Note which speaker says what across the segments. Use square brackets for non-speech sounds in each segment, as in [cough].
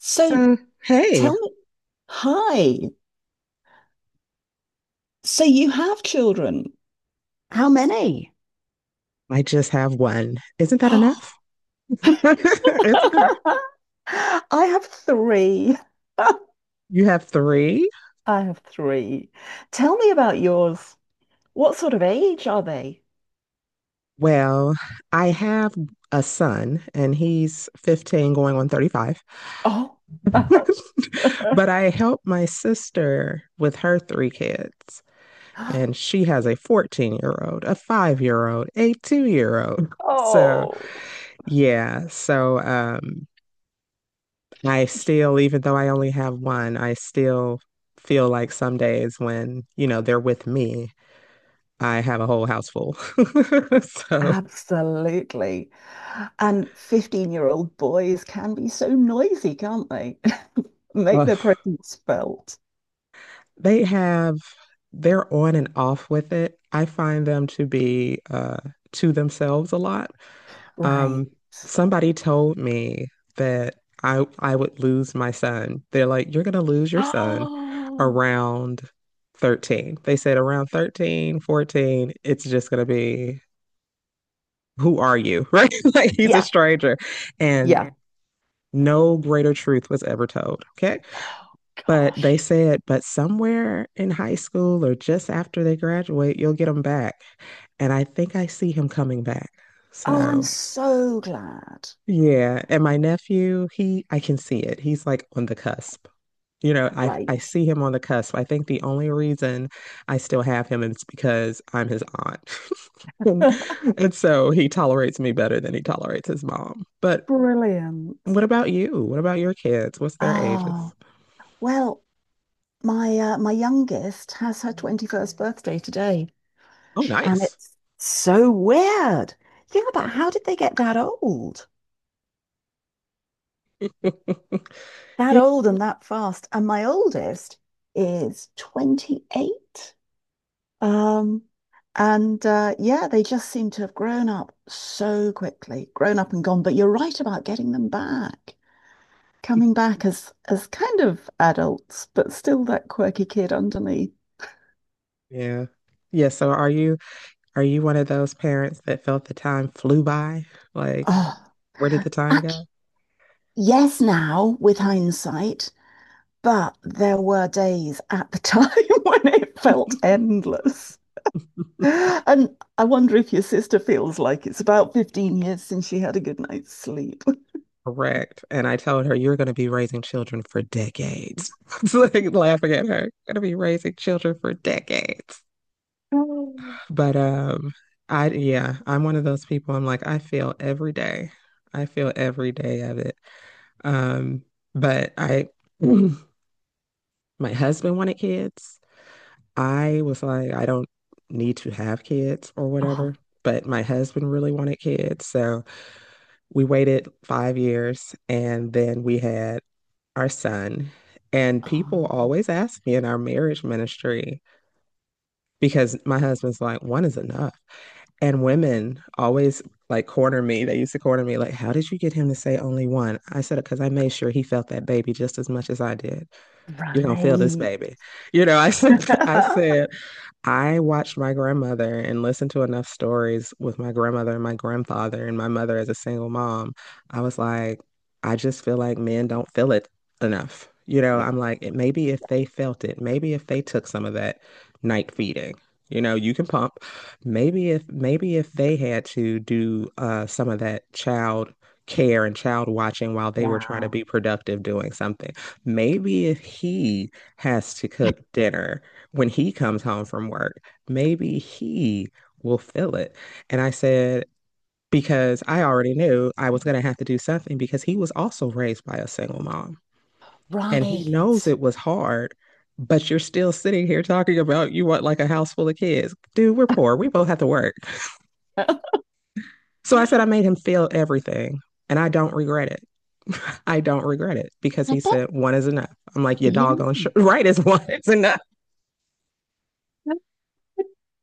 Speaker 1: So
Speaker 2: So, hey,
Speaker 1: tell me, hi. So you have children? How many?
Speaker 2: I just have one. Isn't
Speaker 1: [gasps]
Speaker 2: that enough? [laughs] Isn't that enough?
Speaker 1: [laughs] I have three. [laughs]
Speaker 2: You have three?
Speaker 1: I have three. Tell me about yours. What sort of age are they?
Speaker 2: Well, I have a son and he's 15 going on 35.
Speaker 1: Oh. [laughs]
Speaker 2: [laughs] But I help my sister with her three kids, and she has a 14-year-old, a 5 year old, a 2 year old. So,
Speaker 1: Oh,
Speaker 2: yeah. So, I still, even though I only have one, I still feel like some days when, you know, they're with me, I have a whole house full. [laughs] So,
Speaker 1: absolutely. And 15-year-old boys can be so noisy, can't they? [laughs] Make
Speaker 2: uh,
Speaker 1: their presence felt.
Speaker 2: they have, they're on and off with it. I find them to be to themselves a lot.
Speaker 1: Right.
Speaker 2: Um,
Speaker 1: [gasps]
Speaker 2: Somebody told me that I would lose my son. They're like, you're gonna lose your son
Speaker 1: Oh.
Speaker 2: around 13. They said around 13, 14. It's just gonna be who are you? Right? [laughs] Like he's a
Speaker 1: Yeah,
Speaker 2: stranger. And
Speaker 1: yeah.
Speaker 2: no greater truth was ever told. Okay.
Speaker 1: Oh,
Speaker 2: But
Speaker 1: gosh.
Speaker 2: they said, but somewhere in high school or just after they graduate, you'll get him back. And I think I see him coming back.
Speaker 1: Oh, I'm
Speaker 2: So,
Speaker 1: so glad.
Speaker 2: yeah. And my nephew, he, I can see it. He's like on the cusp. I
Speaker 1: Right.
Speaker 2: see him on the cusp. I think the only reason I still have him is because I'm his aunt.
Speaker 1: [laughs]
Speaker 2: [laughs] And so he tolerates me better than he tolerates his mom. But
Speaker 1: Brilliant.
Speaker 2: what about you? What about your kids? What's their ages?
Speaker 1: Oh, well, my my youngest has her 21st birthday today,
Speaker 2: Oh,
Speaker 1: and
Speaker 2: nice.
Speaker 1: it's so weird. Think about how did they get that old?
Speaker 2: [laughs]
Speaker 1: That
Speaker 2: Yeah.
Speaker 1: old and that fast. And my oldest is 28. Um, and Yeah, they just seem to have grown up so quickly, grown up and gone. But you're right about getting them back, coming back as kind of adults, but still that quirky kid underneath.
Speaker 2: Yeah. Yeah. So are you, are you one of those parents that felt the time flew by? Like,
Speaker 1: Oh,
Speaker 2: where did the time
Speaker 1: ac-
Speaker 2: go?
Speaker 1: yes, now with hindsight, but there were days at the time [laughs] when it felt endless.
Speaker 2: [laughs]
Speaker 1: And I wonder if your sister feels like it's about 15 years since she had a good night's sleep. [laughs]
Speaker 2: Correct. And I told her, you're going to be raising children for decades. [laughs] It's like laughing at her. Going to be raising children for decades.
Speaker 1: Oh,
Speaker 2: But I yeah, I'm one of those people. I'm like, I feel every day. I feel every day of it. Um, but I, [clears throat] my husband wanted kids. I was like, I don't need to have kids or whatever. But my husband really wanted kids, so we waited 5 years, and then we had our son. And people
Speaker 1: oh.
Speaker 2: always ask me in our marriage ministry because my husband's like, one is enough. And women always like corner me. They used to corner me like, "How did you get him to say only one?" I said it because I made sure he felt that baby just as much as I did. You're gonna feel this
Speaker 1: Right.
Speaker 2: baby, you know. I said, [laughs] I said,
Speaker 1: [laughs]
Speaker 2: I watched my grandmother and listened to enough stories with my grandmother and my grandfather and my mother as a single mom. I was like, I just feel like men don't feel it enough. You know,
Speaker 1: Yeah.
Speaker 2: I'm like, it, maybe if they felt it, maybe if they took some of that night feeding, you know, you can pump. Maybe if they had to do some of that child care and child watching while they were trying to
Speaker 1: Yeah.
Speaker 2: be productive doing something. Maybe if he has to
Speaker 1: Yeah.
Speaker 2: cook dinner when he comes home from work, maybe he will feel it. And I said, because I already knew I was going to have to do something because he was also raised by a single mom and he
Speaker 1: Right.
Speaker 2: knows it was hard, but you're still sitting here talking about you want like a house full of kids. Dude, we're poor. We both have to work.
Speaker 1: [laughs] I
Speaker 2: So I said, I made him feel everything and I don't regret it. [laughs] I don't regret it because he
Speaker 1: bet.
Speaker 2: said one is enough. I'm like, your
Speaker 1: Yeah.
Speaker 2: doggone sh- [laughs] right is one is enough.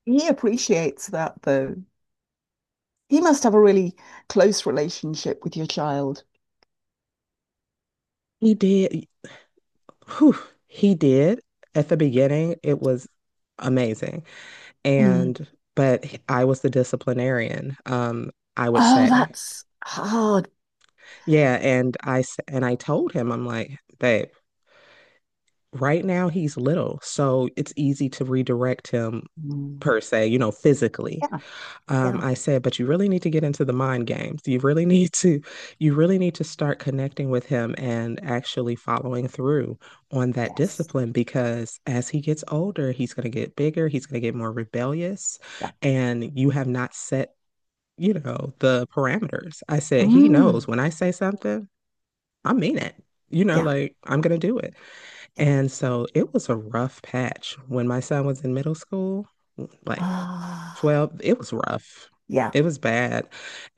Speaker 1: He appreciates that, though. He must have a really close relationship with your child.
Speaker 2: He did. Whew, he did. At the beginning, it was amazing.
Speaker 1: Mm.
Speaker 2: And but he- I was the disciplinarian, I would
Speaker 1: Oh,
Speaker 2: say.
Speaker 1: that's hard.
Speaker 2: Yeah, and I s- and I told him, I'm like, babe, right now he's little, so it's easy to redirect him
Speaker 1: Mm.
Speaker 2: per se, you know, physically.
Speaker 1: Yeah. Yeah.
Speaker 2: I said, but you really need to get into the mind games. You really [laughs] need to, you really need to start connecting with him and actually following through on that
Speaker 1: Yes.
Speaker 2: discipline because as he gets older, he's going to get bigger, he's going to get more rebellious,
Speaker 1: Yeah.
Speaker 2: and you have not set, you know, the parameters. I said, he knows
Speaker 1: Mm.
Speaker 2: when I say something, I mean it. You know,
Speaker 1: Yeah.
Speaker 2: like I'm going to do it.
Speaker 1: Yeah.
Speaker 2: And so it was a rough patch when my son was in middle school. Like
Speaker 1: Ah.
Speaker 2: 12 it was rough,
Speaker 1: Yeah.
Speaker 2: it was bad,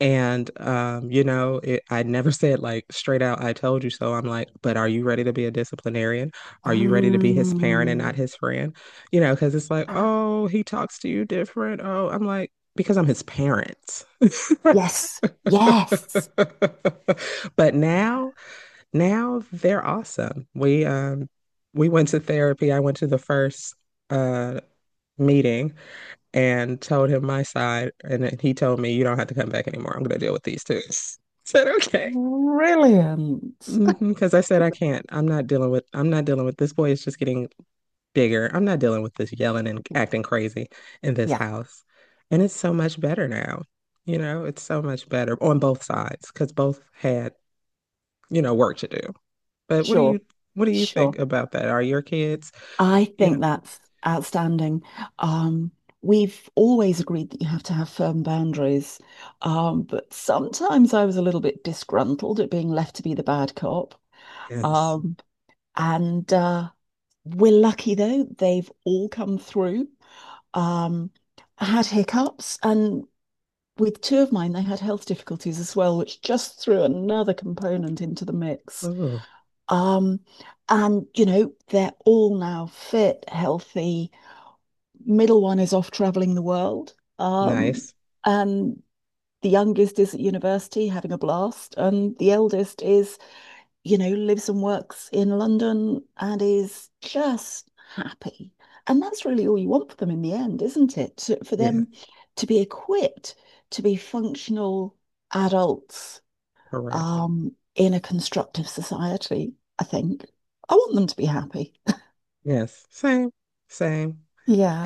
Speaker 2: and you know it, I never [laughs] said like straight out I told you so. I'm like, but are you ready to be a disciplinarian, are you ready to be his parent and not
Speaker 1: Mm.
Speaker 2: his friend, you know, because it's like
Speaker 1: [gasps]
Speaker 2: oh he talks to you different. Oh, I'm like because I'm his parent. [laughs]
Speaker 1: Yes. Yes.
Speaker 2: But now, now they're awesome. We we went to therapy. I went to the first uh meeting and told him my side. And then he told me, you don't have to come back anymore. I'm going to deal with these two. [laughs] I said, okay.
Speaker 1: Brilliant. [laughs]
Speaker 2: Because I said, I can't. I'm not dealing with this boy. Is just getting bigger. I'm not dealing with this yelling and acting crazy in this
Speaker 1: Yeah.
Speaker 2: house. And it's so much better now. You know, it's so much better on both sides because both had, you know, work to do. But
Speaker 1: Sure.
Speaker 2: what do you think
Speaker 1: Sure.
Speaker 2: about that? Are your kids,
Speaker 1: I
Speaker 2: you know,
Speaker 1: think that's outstanding. Um, we've always agreed that you have to have firm boundaries, but sometimes I was a little bit disgruntled at being left to be the bad cop.
Speaker 2: yes.
Speaker 1: Um, and We're lucky though, they've all come through. Um, I had hiccups, and with two of mine, they had health difficulties as well, which just threw another component into the mix.
Speaker 2: Oh,
Speaker 1: Um, and, you know, they're all now fit, healthy. Middle one is off traveling the world. Um,
Speaker 2: nice.
Speaker 1: and the youngest is at university having a blast. And the eldest, is, you know, lives and works in London and is just happy. And that's really all you want for them in the end, isn't it? For
Speaker 2: Yes,
Speaker 1: them to be equipped to be functional adults
Speaker 2: correct.
Speaker 1: in a constructive society, I think. I want them to be happy.
Speaker 2: Yes, same, same.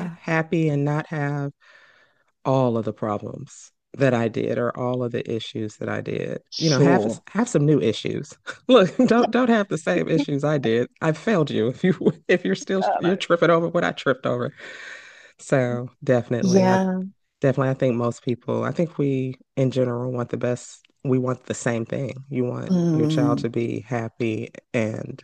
Speaker 2: H- Happy and not have all of the problems that I did or all of the issues that I did. You know, have
Speaker 1: sure.
Speaker 2: have some new issues. [laughs] Look, don't have the same
Speaker 1: [laughs] I
Speaker 2: issues I did. I failed you if you [laughs] if you're still
Speaker 1: don't
Speaker 2: you're
Speaker 1: know.
Speaker 2: tripping over what I tripped over. So
Speaker 1: Yeah.
Speaker 2: definitely I think most people, I think we in general want the best. We want the same thing. You want your child
Speaker 1: Mm,
Speaker 2: to be happy and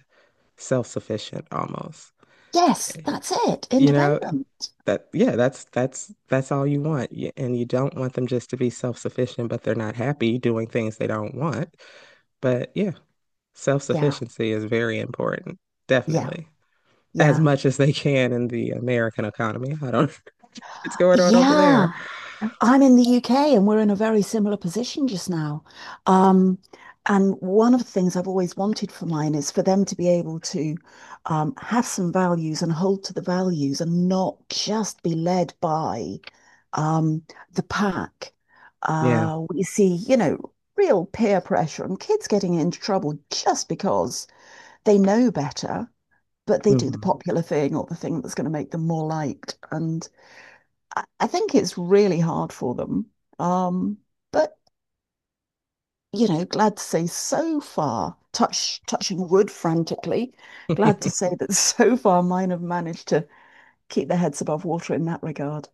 Speaker 2: self-sufficient almost.
Speaker 1: yes, that's it.
Speaker 2: You know,
Speaker 1: Independent.
Speaker 2: that yeah, that's all you want. Y- And you don't want them just to be self-sufficient, but they're not happy doing things they don't want. But yeah,
Speaker 1: Yeah,
Speaker 2: self-sufficiency is very important.
Speaker 1: yeah,
Speaker 2: Definitely. As
Speaker 1: yeah.
Speaker 2: much as they can in the American economy. I don't [laughs] know what's going on over there.
Speaker 1: Yeah. I'm in the UK and we're in a very similar position just now. Um, and one of the things I've always wanted for mine is for them to be able to have some values and hold to the values and not just be led by um, the pack.
Speaker 2: Yeah.
Speaker 1: We see, you know, real peer pressure and kids getting into trouble just because they know better but they do the
Speaker 2: Hmm.
Speaker 1: popular thing or the thing that's going to make them more liked. And I think it's really hard for them. Um, but you know, glad to say so far, touching wood frantically, glad to say
Speaker 2: [laughs]
Speaker 1: that [laughs] so far mine have managed to keep their heads above water in that regard.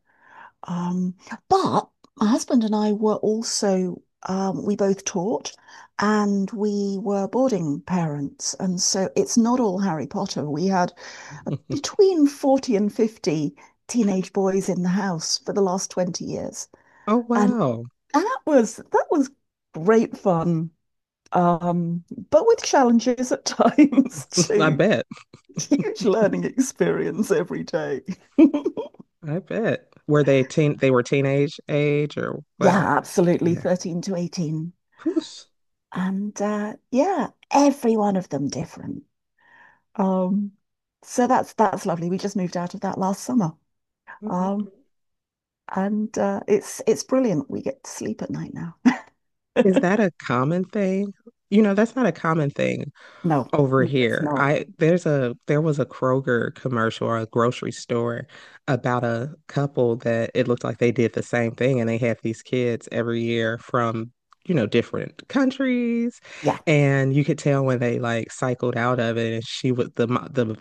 Speaker 1: Um, but my husband and I were also, we both taught and we were boarding parents. And so it's not all Harry Potter. We had
Speaker 2: [laughs]
Speaker 1: between 40 and 50 teenage boys in the house for the last 20 years.
Speaker 2: Oh
Speaker 1: And
Speaker 2: wow.
Speaker 1: that was great fun. Um, but with challenges at [laughs] times
Speaker 2: [laughs] I
Speaker 1: too.
Speaker 2: bet.
Speaker 1: Huge learning experience every day.
Speaker 2: I bet. Were they were teenage age or
Speaker 1: [laughs]
Speaker 2: what?
Speaker 1: Yeah, absolutely.
Speaker 2: Yeah.
Speaker 1: 13 to 18.
Speaker 2: Who's,
Speaker 1: And yeah, every one of them different. Um, so that's lovely. We just moved out of that last summer. Um, and It's brilliant. We get to sleep at night now. [laughs]
Speaker 2: is that a common thing? You know, that's not a common thing
Speaker 1: No,
Speaker 2: over
Speaker 1: no, it's
Speaker 2: here.
Speaker 1: not.
Speaker 2: I there's a there was a Kroger commercial or a grocery store about a couple that it looked like they did the same thing and they had these kids every year from, you know, different countries.
Speaker 1: Yeah.
Speaker 2: And you could tell when they like cycled out of it and she was the mo-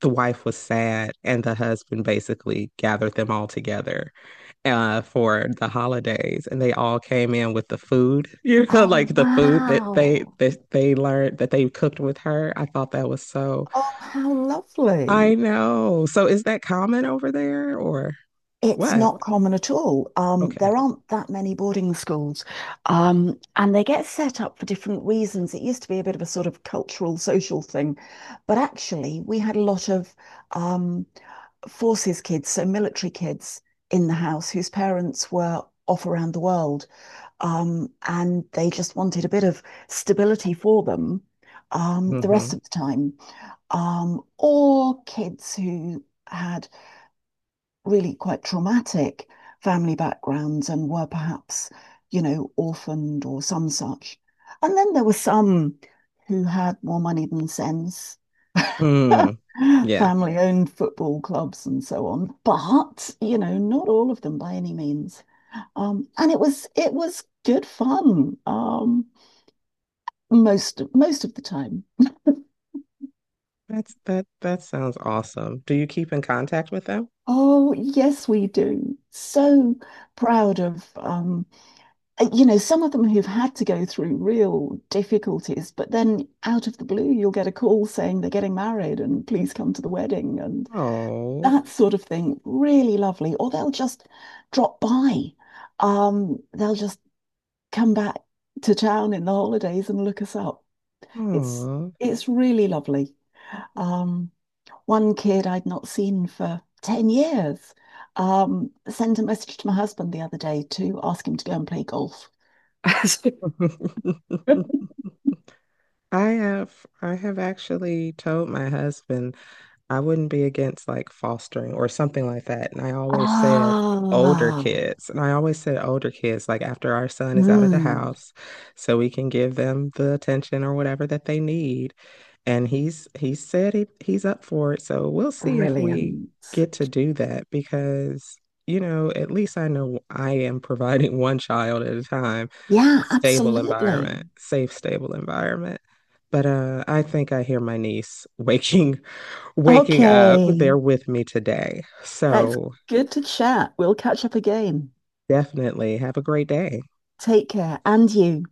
Speaker 2: the wife was sad, and the husband basically gathered them all together for the holidays, and they all came in with the food, [laughs] you know,
Speaker 1: Oh,
Speaker 2: like the food that they
Speaker 1: wow.
Speaker 2: that they learned that they cooked with her. I thought that was so.
Speaker 1: Oh, how lovely.
Speaker 2: I know. So is that common over there, or
Speaker 1: It's
Speaker 2: what?
Speaker 1: not common at all.
Speaker 2: Okay.
Speaker 1: There aren't that many boarding schools, and they get set up for different reasons. It used to be a bit of a sort of cultural, social thing, but actually, we had a lot of um, forces kids, so military kids in the house whose parents were off around the world, and they just wanted a bit of stability for them the
Speaker 2: Hmm.
Speaker 1: rest of the time. Or kids who had really quite traumatic family backgrounds and were perhaps, you know, orphaned or some such. And then there were some who had more money than sense,
Speaker 2: Mm.
Speaker 1: [laughs]
Speaker 2: Yeah.
Speaker 1: family owned football clubs and so on. But, you know, not all of them by any means. And it was good fun most of the time.
Speaker 2: That's that. That sounds awesome. Do you keep in contact with them?
Speaker 1: Oh, yes, we do. So proud of, you know, some of them who've had to go through real difficulties, but then out of the blue, you'll get a call saying they're getting married and please come to the wedding and
Speaker 2: Oh.
Speaker 1: that sort of thing. Really lovely. Or they'll just drop by. They'll just come back to town in the holidays and look us up. It's
Speaker 2: Oh.
Speaker 1: it's really lovely. Um, one kid I'd not seen for 10 years sent a message to my husband the other day to ask him to go and play golf. [laughs] So
Speaker 2: [laughs] I have actually told my husband, I wouldn't be against like fostering or something like that. And I always said older
Speaker 1: ah,
Speaker 2: kids. And I always said older kids, like after our son is out of the
Speaker 1: mm,
Speaker 2: house, so we can give them the attention or whatever that they need. And he said he's up for it. So we'll see if we
Speaker 1: brilliant.
Speaker 2: get to do that because, you know, at least I know I am providing [laughs] one child at a time
Speaker 1: Yeah,
Speaker 2: a stable
Speaker 1: absolutely.
Speaker 2: environment, safe, stable environment. But I think I hear my niece [laughs] waking up.
Speaker 1: Okay,
Speaker 2: They're with me today.
Speaker 1: that's
Speaker 2: So
Speaker 1: good to chat. We'll catch up again.
Speaker 2: definitely have a great day.
Speaker 1: Take care, and you.